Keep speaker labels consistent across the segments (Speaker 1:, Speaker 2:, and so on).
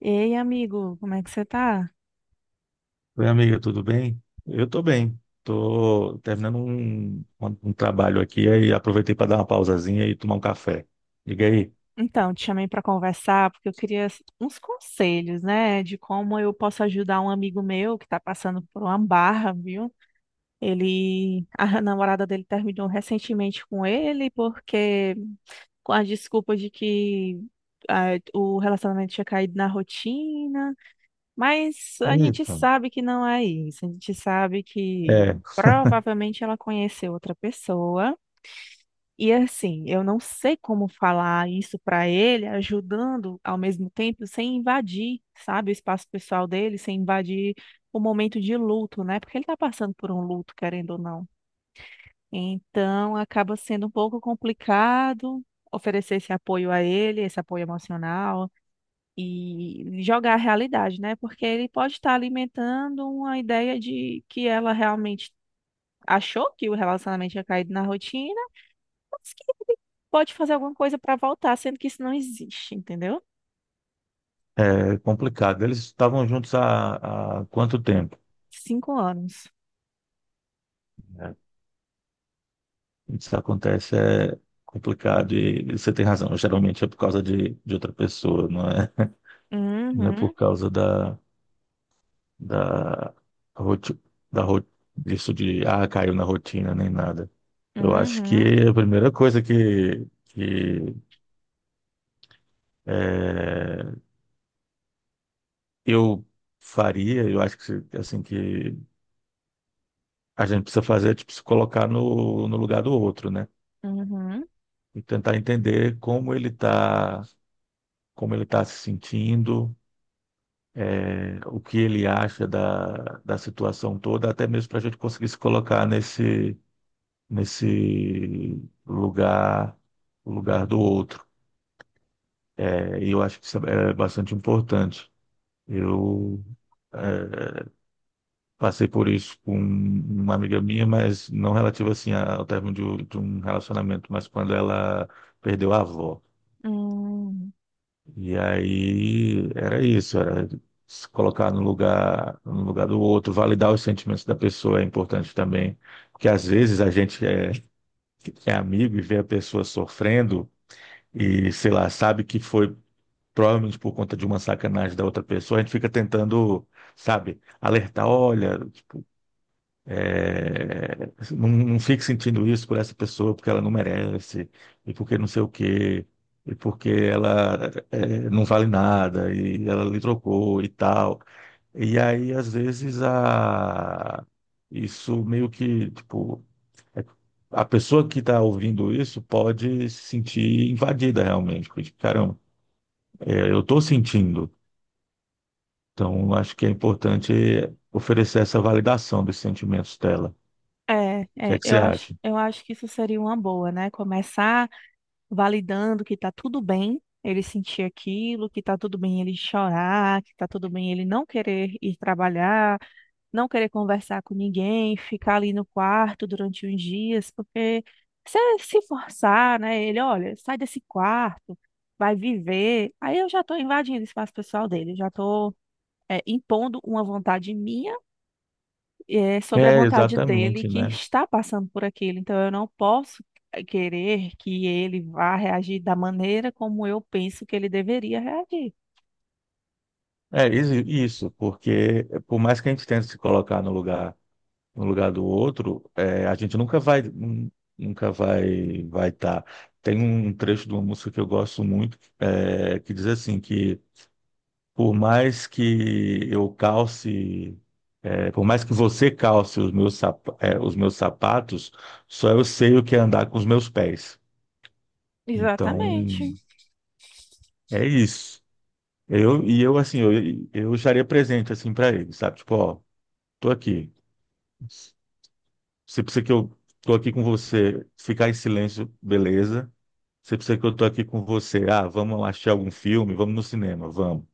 Speaker 1: Ei, amigo, como é que você tá?
Speaker 2: Oi, amiga, tudo bem? Eu tô bem. Tô terminando um trabalho aqui aí aproveitei para dar uma pausazinha e tomar um café. Diga aí.
Speaker 1: Então, te chamei para conversar porque eu queria uns conselhos, né, de como eu posso ajudar um amigo meu que tá passando por uma barra, viu? A namorada dele terminou recentemente com ele porque com a desculpa de que o relacionamento tinha caído na rotina, mas a gente
Speaker 2: Eita.
Speaker 1: sabe que não é isso. A gente sabe que
Speaker 2: É,
Speaker 1: provavelmente ela conheceu outra pessoa. E assim, eu não sei como falar isso para ele, ajudando ao mesmo tempo, sem invadir, sabe, o espaço pessoal dele, sem invadir o momento de luto, né? Porque ele está passando por um luto, querendo ou não. Então, acaba sendo um pouco complicado oferecer esse apoio a ele, esse apoio emocional e jogar a realidade, né? Porque ele pode estar alimentando uma ideia de que ela realmente achou que o relacionamento tinha caído na rotina, pode fazer alguma coisa para voltar, sendo que isso não existe, entendeu?
Speaker 2: é complicado. Eles estavam juntos há quanto tempo?
Speaker 1: 5 anos.
Speaker 2: Né? Isso acontece é complicado e você tem razão. Geralmente é por causa de outra pessoa, não é? Não é por
Speaker 1: Uhum,
Speaker 2: causa da, roti- da isso de, ah, caiu na rotina, nem nada. Eu acho que
Speaker 1: uhum,
Speaker 2: a primeira coisa que é, eu faria, eu acho que, assim, que a gente precisa fazer é, tipo, se colocar no lugar do outro, né?
Speaker 1: uhum,
Speaker 2: E tentar entender como ele está, como ele tá se sentindo, o que ele acha da situação toda, até mesmo para a gente conseguir se colocar nesse lugar, um lugar do outro. É, e eu acho que isso é bastante importante. Eu é, passei por isso com uma amiga minha, mas não relativo assim ao término um de um relacionamento, mas quando ela perdeu a avó.
Speaker 1: uhum.
Speaker 2: E aí era isso, era se colocar no lugar, no lugar do outro, validar os sentimentos da pessoa é importante também, porque às vezes é amigo e vê a pessoa sofrendo e, sei lá, sabe que foi provavelmente por conta de uma sacanagem da outra pessoa, a gente fica tentando, sabe, alertar, olha, é, não, não fique sentindo isso por essa pessoa, porque ela não merece, e porque não sei o quê, e porque ela é, não vale nada, e ela lhe trocou e tal. E aí, às vezes, a... isso meio que, tipo, é- a pessoa que está ouvindo isso pode se sentir invadida realmente. Porque, tipo, caramba, eu estou sentindo. Então, acho que é importante oferecer essa validação dos sentimentos dela. O
Speaker 1: É,
Speaker 2: que é
Speaker 1: é,
Speaker 2: que
Speaker 1: eu
Speaker 2: você
Speaker 1: acho,
Speaker 2: acha?
Speaker 1: eu acho que isso seria uma boa, né? Começar validando que tá tudo bem ele sentir aquilo, que tá tudo bem ele chorar, que tá tudo bem ele não querer ir trabalhar, não querer conversar com ninguém, ficar ali no quarto durante uns dias, porque se forçar, né? Ele, olha, sai desse quarto, vai viver. Aí eu já estou invadindo o espaço pessoal dele, já estou impondo uma vontade minha sobre a
Speaker 2: É,
Speaker 1: vontade dele
Speaker 2: exatamente,
Speaker 1: que
Speaker 2: né?
Speaker 1: está passando por aquilo. Então eu não posso querer que ele vá reagir da maneira como eu penso que ele deveria reagir.
Speaker 2: É isso, isso, porque por mais que a gente tente se colocar no lugar, no lugar do outro, a gente nunca vai, vai estar. Tem um trecho de uma música que eu gosto muito, que diz assim que por mais que eu calce, por mais que você calce os meus sapatos, só eu sei o que é andar com os meus pés. Então,
Speaker 1: Exatamente.
Speaker 2: é isso. Eu, e eu, assim, eu estaria presente, assim, para ele, sabe? Tipo, ó, tô aqui. Você precisa que eu tô aqui com você, ficar em silêncio, beleza. Você precisa que eu tô aqui com você. Ah, vamos assistir algum filme, vamos no cinema, vamos.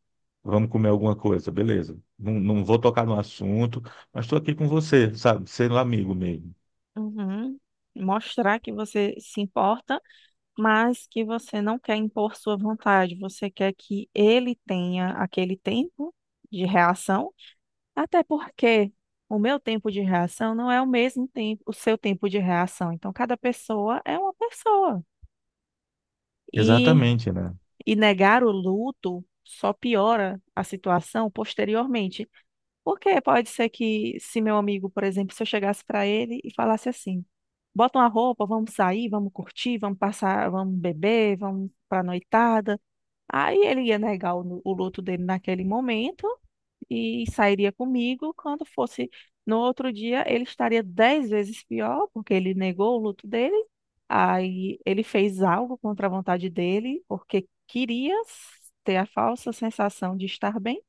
Speaker 2: Vamos comer alguma coisa, beleza. Não, não vou tocar no assunto, mas estou aqui com você, sabe? Sendo amigo mesmo.
Speaker 1: Uhum. Mostrar que você se importa, mas que você não quer impor sua vontade, você quer que ele tenha aquele tempo de reação, até porque o meu tempo de reação não é o mesmo tempo, o seu tempo de reação. Então, cada pessoa é uma pessoa. E,
Speaker 2: Exatamente, né?
Speaker 1: e negar o luto só piora a situação posteriormente. Porque pode ser que, se meu amigo, por exemplo, se eu chegasse para ele e falasse assim: bota uma roupa, vamos sair, vamos curtir, vamos passar, vamos beber, vamos para noitada. Aí ele ia negar o luto dele naquele momento e sairia comigo. Quando fosse no outro dia, ele estaria 10 vezes pior, porque ele negou o luto dele. Aí ele fez algo contra a vontade dele, porque queria ter a falsa sensação de estar bem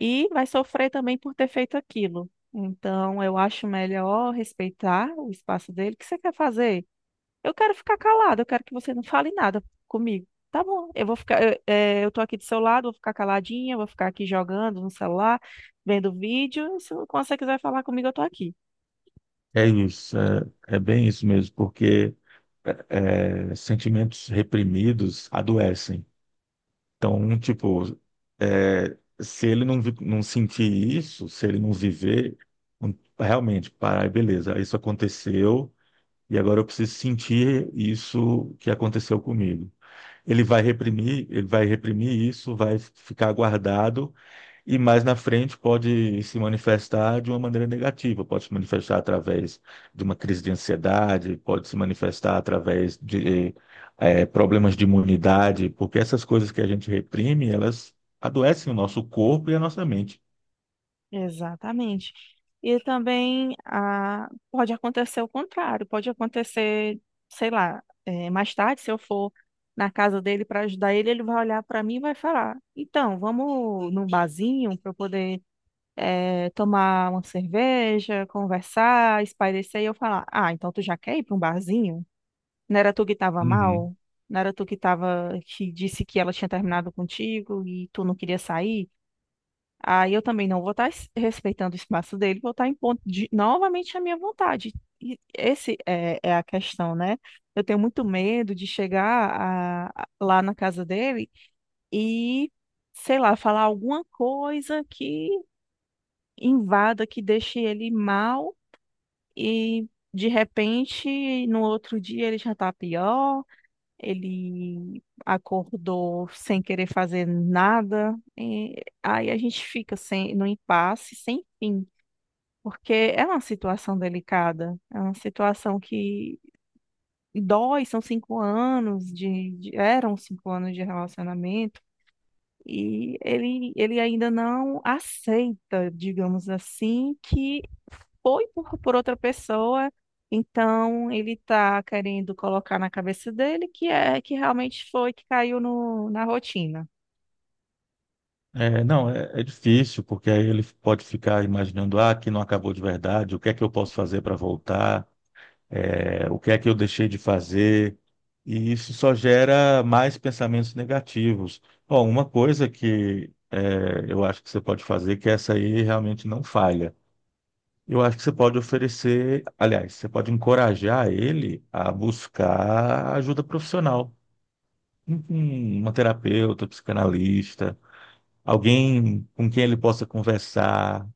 Speaker 1: e vai sofrer também por ter feito aquilo. Então, eu acho melhor respeitar o espaço dele. O que você quer fazer? Eu quero ficar calada, eu quero que você não fale nada comigo. Tá bom, eu vou eu tô aqui do seu lado, vou ficar caladinha, vou ficar aqui jogando no celular, vendo vídeo. Se você quiser falar comigo, eu tô aqui.
Speaker 2: É isso, é, é bem isso mesmo, porque sentimentos reprimidos adoecem. Então, tipo, se ele não não sentir isso, se ele não viver, um- realmente, parar, e beleza, isso aconteceu e agora eu preciso sentir isso que aconteceu comigo. Ele vai reprimir isso, vai ficar guardado e mais na frente pode se manifestar de uma maneira negativa, pode se manifestar através de uma crise de ansiedade, pode se manifestar através de problemas de imunidade, porque essas coisas que a gente reprime, elas adoecem o nosso corpo e a nossa mente.
Speaker 1: Exatamente. E também pode acontecer o contrário, pode acontecer, sei lá, mais tarde, se eu for na casa dele para ajudar ele, ele vai olhar para mim e vai falar: Então, vamos num barzinho para eu poder tomar uma cerveja, conversar, espairecer. E eu falar: Ah, então tu já quer ir para um barzinho? Não era tu que tava
Speaker 2: Uhum.
Speaker 1: mal? Não era tu que tava, que disse que ela tinha terminado contigo e tu não queria sair? Aí eu também não vou estar respeitando o espaço dele, vou estar impondo novamente a minha vontade. E esse é, é a questão, né? Eu tenho muito medo de chegar lá na casa dele e, sei lá, falar alguma coisa que invada, que deixe ele mal, e de repente, no outro dia ele já tá pior, ele acordou sem querer fazer nada, e aí a gente fica sem, no impasse, sem fim, porque é uma situação delicada, é uma situação que dói, são 5 anos eram 5 anos de relacionamento, e ele ainda não aceita, digamos assim, que foi por outra pessoa. Então, ele está querendo colocar na cabeça dele que é que realmente foi que caiu no, na rotina.
Speaker 2: É, não, é, é difícil, porque aí ele pode ficar imaginando, ah, aqui não acabou de verdade, o que é que eu posso fazer para voltar? É, o que é que eu deixei de fazer, e isso só gera mais pensamentos negativos. Bom, uma coisa eu acho que você pode fazer, que essa aí realmente não falha. Eu acho que você pode oferecer, aliás, você pode encorajar ele a buscar ajuda profissional, uma terapeuta, um psicanalista, alguém com quem ele possa conversar.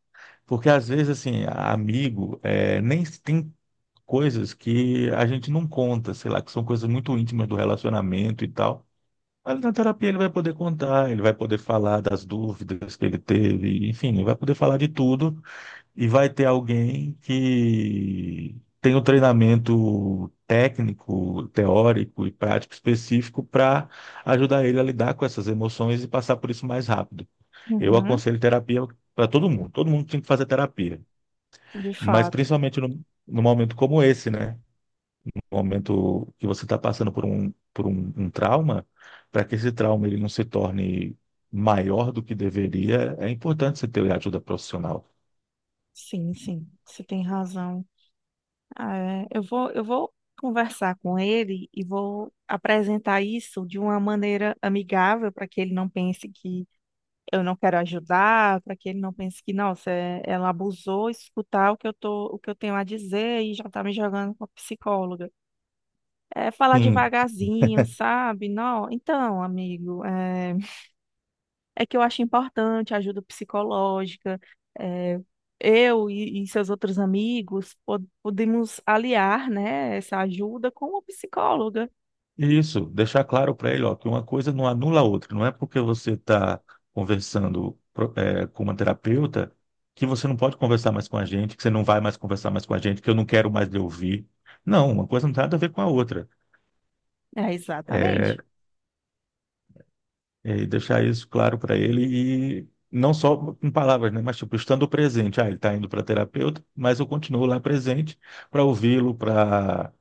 Speaker 2: Porque às vezes, assim, amigo, nem tem coisas que a gente não conta, sei lá, que são coisas muito íntimas do relacionamento e tal. Mas na terapia ele vai poder contar, ele vai poder falar das dúvidas que ele teve, enfim, ele vai poder falar de tudo e vai ter alguém que tem o treinamento técnico, teórico e prático específico para ajudar ele a lidar com essas emoções e passar por isso mais rápido. Eu
Speaker 1: Uhum,
Speaker 2: aconselho terapia para todo mundo tem que fazer terapia,
Speaker 1: de
Speaker 2: mas
Speaker 1: fato.
Speaker 2: principalmente num momento como esse, né? No momento que você está passando por um trauma, para que esse trauma ele não se torne maior do que deveria, é importante você ter ajuda profissional.
Speaker 1: Sim, sim, você tem razão. É, eu vou conversar com ele e vou apresentar isso de uma maneira amigável para que ele não pense que eu não quero ajudar, para que ele não pense que, nossa, ela abusou, escutar o que eu tô, o que eu tenho a dizer e já tá me jogando com a psicóloga. É falar
Speaker 2: Sim,
Speaker 1: devagarzinho, sabe? Não, então, amigo, é, é que eu acho importante a ajuda psicológica. É, e seus outros amigos podemos aliar, né, essa ajuda com uma psicóloga.
Speaker 2: e isso, deixar claro para ele, ó, que uma coisa não anula a outra. Não é porque você está conversando, com uma terapeuta que você não pode conversar mais com a gente, que você não vai mais conversar mais com a gente, que eu não quero mais lhe ouvir. Não, uma coisa não tem nada a ver com a outra.
Speaker 1: É,
Speaker 2: É,
Speaker 1: exatamente.
Speaker 2: E deixar isso claro para ele e não só com palavras, né? Mas tipo, estando presente. Ah, ele está indo para terapeuta, mas eu continuo lá presente para ouvi-lo, para,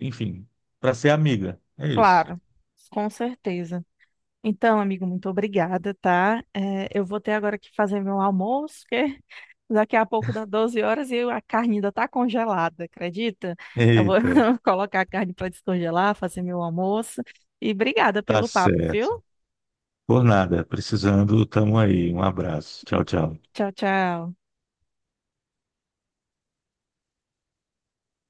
Speaker 2: enfim, para ser amiga. É isso.
Speaker 1: Claro, com certeza. Então, amigo, muito obrigada, tá? É, eu vou ter agora que fazer meu almoço, que daqui a pouco dá 12 horas e a carne ainda tá congelada, acredita? Eu vou
Speaker 2: Eita,
Speaker 1: colocar a carne para descongelar, fazer meu almoço. E obrigada
Speaker 2: tá
Speaker 1: pelo papo,
Speaker 2: certo.
Speaker 1: viu?
Speaker 2: Por nada, precisando, tamo aí. Um abraço. Tchau, tchau.
Speaker 1: Tchau, tchau.